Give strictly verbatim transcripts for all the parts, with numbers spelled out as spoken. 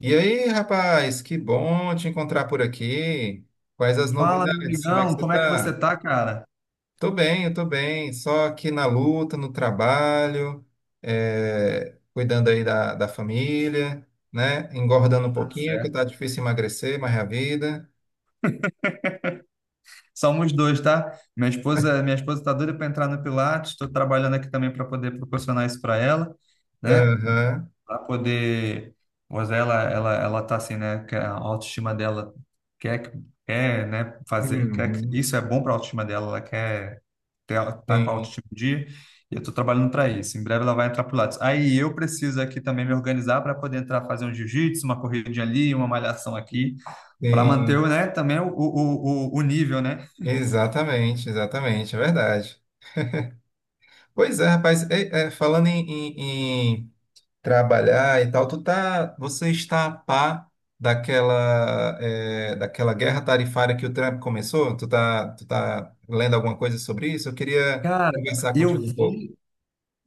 E aí, rapaz, que bom te encontrar por aqui. Quais as Fala, meu novidades? Como é que amigão, você como é que você tá? tá, cara? Tô bem, eu tô bem. Só aqui na luta, no trabalho, é, cuidando aí da, da família, né? Engordando um Tá pouquinho, que tá certo. difícil emagrecer, mas é a vida. Somos dois, tá? Minha esposa, minha esposa tá doida para entrar no Pilates, estou trabalhando aqui também para poder proporcionar isso para ela, né? Aham. Para poder, pois ela, ela, ela tá assim, né? Que a autoestima dela quer, que- quer, né? Fazer, quer que Uhum. isso é bom para a autoestima dela, ela quer ter, tá com a Sim, autoestima em dia. E eu estou trabalhando para isso. Em breve ela vai entrar pro Pilates. Aí eu preciso aqui também me organizar para poder entrar fazer um jiu-jitsu, uma corridinha ali, uma malhação aqui. Para manter, o sim. né, também o, o, o, o nível, né? Exatamente, exatamente, é verdade. Pois é, rapaz, é- é, falando em, em- trabalhar e tal, tu tá, você está a par daquela, é, daquela guerra tarifária que o Trump começou? Tu tá, tu tá lendo alguma coisa sobre isso? Eu queria Cara, conversar eu contigo um pouco. vi,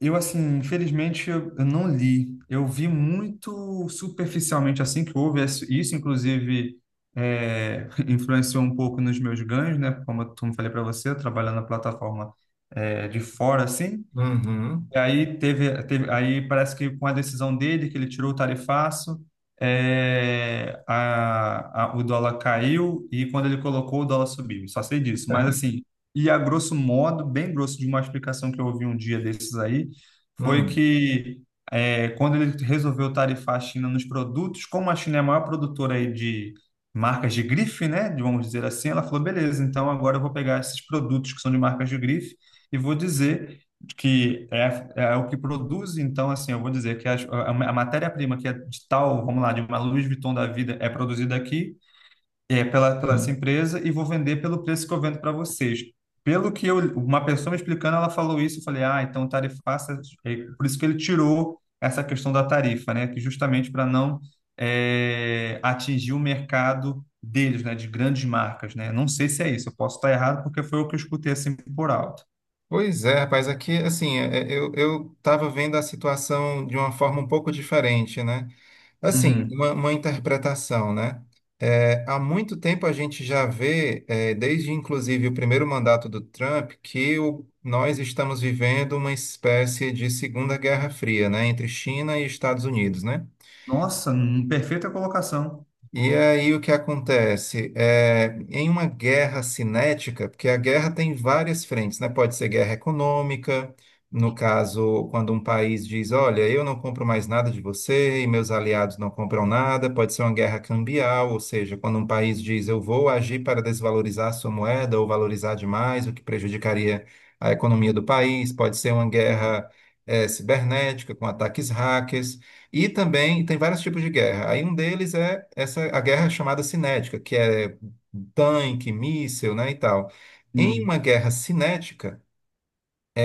eu assim, infelizmente eu, eu não li. Eu vi muito superficialmente assim que houve isso, isso, inclusive é, influenciou um pouco nos meus ganhos, né? Como eu como eu falei para você, trabalhando na plataforma é, de fora assim. Uhum. E aí teve, teve- aí parece que com a decisão dele que ele tirou o tarifaço, é, a- a- o dólar caiu e quando ele colocou o dólar subiu. Só sei disso, mas assim, e a grosso modo, bem grosso de uma explicação que eu ouvi um dia desses aí, foi Hum. que é, quando ele resolveu tarifar a China nos produtos, como a China é a maior produtora aí de marcas de grife, né, de- vamos dizer assim, ela falou, beleza, então agora eu vou pegar esses produtos que são de marcas de grife e vou dizer que é, é o que produz, então, assim, eu vou dizer que a, a matéria-prima que é de tal, vamos lá, de uma Louis Vuitton da vida, é produzida aqui, é pela, pela essa Hum. empresa, e vou vender pelo preço que eu vendo para vocês. Pelo que eu, uma pessoa me explicando, ela falou isso, eu falei, ah, então tarifaça, é por isso que ele tirou essa questão da tarifa, né, que justamente para não é, atingir o mercado deles, né, de grandes marcas, né, não sei se é isso, eu posso estar errado porque foi o que eu escutei, assim, por alto. Pois é, rapaz, aqui, assim, é, é, eu, eu estava vendo a situação de uma forma um pouco diferente, né? Assim, Uhum. uma, uma interpretação, né? É, há muito tempo a gente já vê, é, desde inclusive o primeiro mandato do Trump, que o- nós estamos vivendo uma espécie de Segunda Guerra Fria, né? Entre China e Estados Unidos, né? Nossa, hum, perfeita colocação. E aí o que acontece? É, em uma guerra cinética, porque a guerra tem várias frentes, né? Pode ser guerra econômica, no caso, quando um país diz, olha, eu não compro mais nada de você e meus aliados não compram nada, pode ser uma guerra cambial, ou seja, quando um país diz, eu vou agir para desvalorizar a sua moeda ou valorizar demais, o que prejudicaria a economia do país, pode ser uma Hum. guerra, eh, cibernética com ataques hackers. E também tem vários tipos de guerra. Aí um deles é essa a guerra chamada cinética, que é tanque, míssil, né, e tal. Em Hum. uma guerra cinética,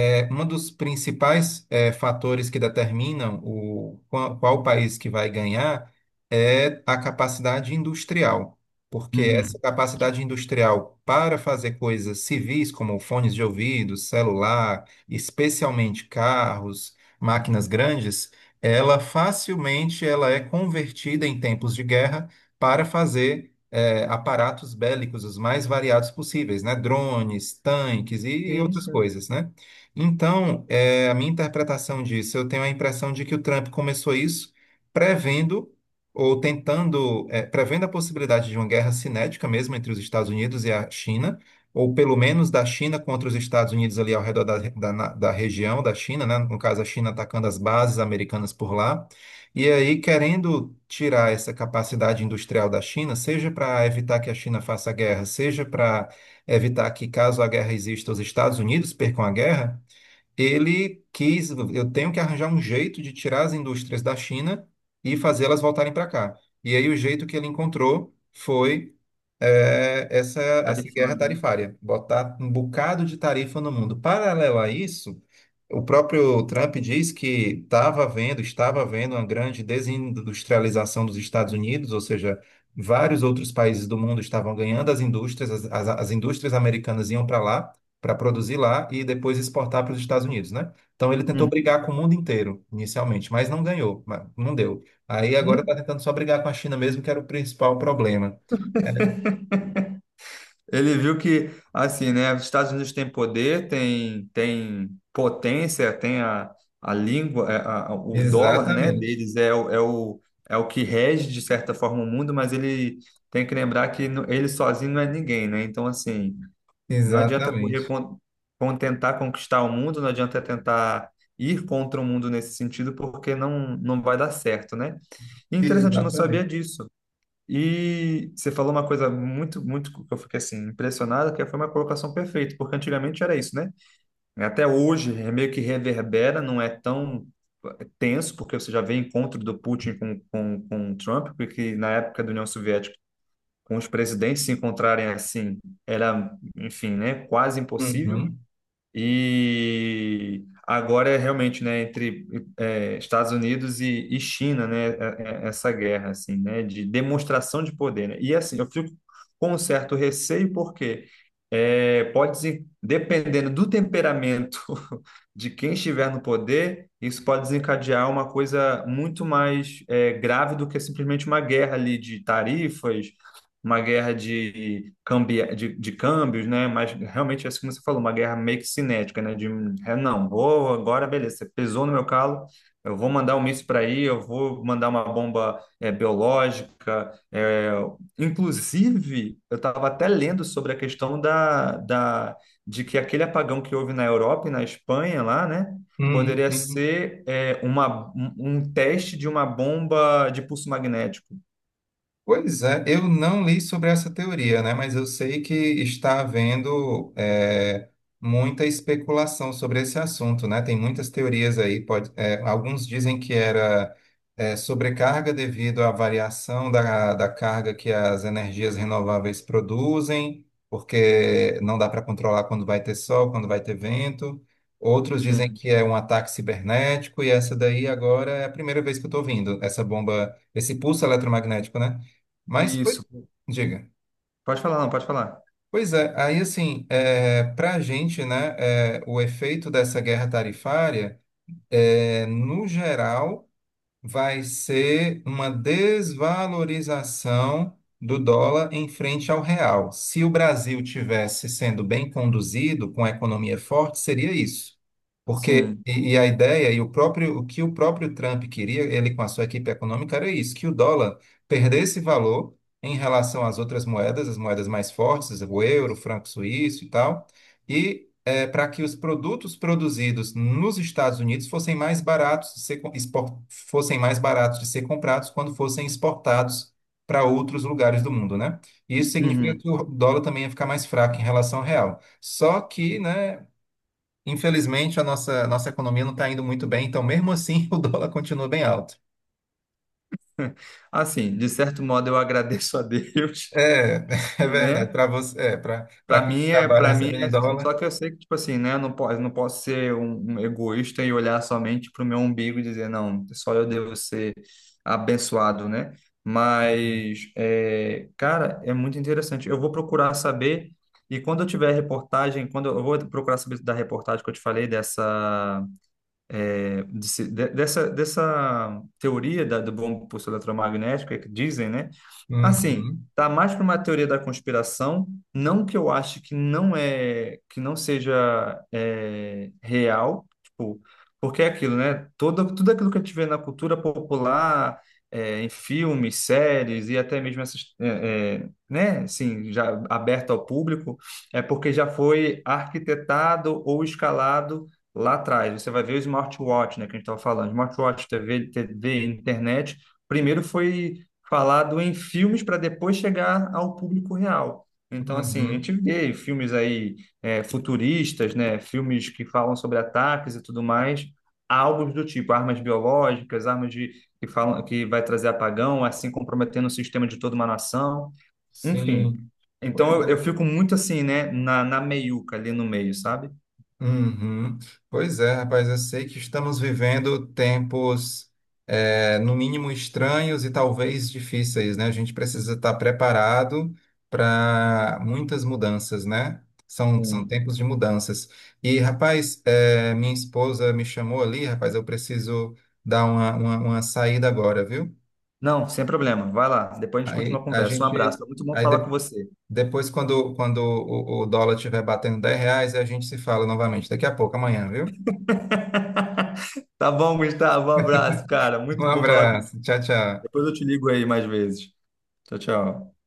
é, um dos principais é, fatores que determinam o, qual, qual país que vai ganhar é a capacidade industrial, porque essa Uhum. capacidade industrial para fazer coisas civis, como fones de ouvido, celular, especialmente carros, máquinas grandes, ela facilmente ela é convertida em tempos de guerra para fazer eh, aparatos bélicos os mais variados possíveis, né? Drones, tanques e e Sim, outras sim. coisas, né? Então, é, a minha interpretação disso, eu tenho a impressão de que o Trump começou isso prevendo ou tentando, é, prevendo a possibilidade de uma guerra cinética mesmo entre os Estados Unidos e a China, ou pelo menos da China contra os Estados Unidos ali ao redor da, da, na- da região da China, né? No caso, a China atacando as bases americanas por lá. E aí, querendo tirar essa capacidade industrial da China, seja para evitar que a China faça guerra, seja para evitar que, caso a guerra exista, os Estados Unidos percam a guerra, ele quis, eu tenho que arranjar um jeito de tirar as indústrias da China e fazê-las voltarem para cá. E aí o jeito que ele encontrou foi eh, essa, essa guerra Tarifano, né? tarifária, botar um bocado de tarifa no mundo. Paralelo a isso, o próprio Trump diz que estava havendo, estava havendo uma grande desindustrialização dos Estados Unidos, ou seja, vários outros países do mundo estavam ganhando as indústrias, as, as as indústrias americanas iam para lá, para produzir lá e depois exportar para os Estados Unidos, né? Então ele tentou Uhum. brigar com o mundo inteiro inicialmente, mas não ganhou, mas não deu. Aí No- agora está tentando só brigar com a China mesmo, que era o principal problema. Ele viu que, assim, né, os Estados Unidos têm poder, tem, tem potência, tem a, a língua, é, a- a- o dólar, né, Exatamente, deles é, o, é o é o que rege, de certa forma, o mundo, mas ele tem que lembrar que no- ele sozinho não é ninguém, né? Então, assim, não adianta correr exatamente, con- con- tentar conquistar o mundo, não adianta tentar ir contra o mundo nesse sentido, porque não, não vai dar certo, né? E é interessante, eu não sabia exatamente. disso. E você falou uma coisa muito, muito que eu fiquei assim impressionado, que foi uma colocação perfeita, porque antigamente era isso, né? Até hoje é meio que reverbera, não é tão é, tenso, porque você já vê encontro do Putin com, com, com o Trump, porque na época da União Soviética, com os presidentes se encontrarem assim, era, enfim, né, quase impossível. Uhum. E agora é realmente, né, entre é, Estados Unidos e, e China, né, é- é- essa guerra, assim, né, de demonstração de poder, né? E assim, eu fico com um certo receio porque é, pode, desen- dependendo do temperamento de quem estiver no poder, isso pode desencadear uma coisa muito mais é, grave do que simplesmente uma guerra ali de tarifas, uma guerra de, cambi, de, de câmbios, né? Mas realmente, assim como você falou, uma guerra meio que cinética, né? De, é, não, vou agora, beleza, você pesou no meu calo, eu vou mandar um míssil para aí, eu vou mandar uma bomba é, biológica. É, inclusive, eu estava até lendo sobre a questão da, da, de que aquele apagão que houve na Europa e na Espanha lá, né? Uhum. Poderia Sim. ser é, uma, um um teste de uma bomba de pulso magnético. Pois é, eu não li sobre essa teoria, né? Mas eu sei que está havendo é, muita especulação sobre esse assunto, né? Tem muitas teorias aí. Pode, é, alguns dizem que era é, sobrecarga devido à variação da, da carga que as energias renováveis produzem, porque não dá para controlar quando vai ter sol, quando vai ter vento. Outros dizem Sim. que é um ataque cibernético, e essa daí agora é a primeira vez que eu estou ouvindo, essa bomba, esse pulso eletromagnético, né? Mas, pois, Isso, diga. pode falar, não, pode falar. Pois é, aí assim, é, para a gente, né, é, o efeito dessa guerra tarifária, é, no geral vai ser uma desvalorização do dólar em frente ao real. Se o Brasil tivesse sendo bem conduzido, com a economia forte, seria isso. Porque, Sim. e, e a ideia, e o próprio, o que o próprio Trump queria, ele com a sua equipe econômica, era isso, que o dólar perdesse valor em relação às outras moedas, as moedas mais fortes, o euro, o franco suíço e tal, e para que os produtos produzidos nos Estados Unidos fossem mais baratos de ser, expor- fossem mais baratos de ser comprados quando fossem exportados para outros lugares do mundo, né? E isso significa Uhum. que o dólar também ia ficar mais fraco em relação ao real. Só que, né, infelizmente a nossa, nossa economia não está indo muito bem, então mesmo assim o dólar continua bem alto. Assim, de certo modo eu agradeço a Deus, É, é porque, verdade, né? para você, é, para Para para quem mim é, trabalha para mim recebendo é em assim, só dólar. que eu sei que tipo assim, né, eu não posso, não posso ser um, um egoísta e olhar somente para o meu umbigo e dizer, não, só eu devo ser abençoado, né? Uhum, Mas é, cara, é muito interessante. Eu vou procurar saber e quando eu tiver reportagem, quando eu, eu vou procurar saber da reportagem que eu te falei dessa é, de se- de- dessa, dessa teoria da, do bom impulso eletromagnético, é que dizem, né? Assim, uhum, tá mais para uma teoria da conspiração, não que eu ache que não é, que não seja é, real, tipo, porque é aquilo, né? Todo, tudo aquilo que a gente vê na cultura popular, é, em filmes, séries e até mesmo essas, é, é, né? Assim, já aberto ao público, é porque já foi arquitetado ou escalado lá atrás, você vai ver o smartwatch, né, que a gente estava falando, smartwatch, T V, TV, internet, primeiro foi falado em filmes para depois chegar ao público real. Então, assim, a uhum, gente vê filmes aí é, futuristas, né, filmes que falam sobre ataques e tudo mais, algo do tipo, armas biológicas, armas de, que falam que vai trazer apagão, assim comprometendo o sistema de toda uma nação, enfim. sim. Então, Pois eu, eu é. fico muito assim, né, na, na meiuca ali no meio, sabe? Uhum. Pois é, rapaz, eu sei que estamos vivendo tempos, eh, no mínimo estranhos e talvez difíceis, né? A gente precisa estar preparado para muitas mudanças, né? São, são tempos de mudanças. E, rapaz, eh, minha esposa me chamou ali, rapaz, eu preciso dar uma, uma, uma saída agora, viu? Não, sem problema. Vai lá. Depois a gente continua a Aí a conversa. Um abraço. gente. Foi muito bom Aí falar com de- você. depois, quando, quando o, o dólar estiver batendo dez reais, a gente se fala novamente. Daqui a pouco, amanhã, viu? Tá bom, Gustavo. Um abraço, cara. Um Muito bom falar contigo. abraço. Tchau, tchau. Depois eu te ligo aí mais vezes. Tchau, tchau.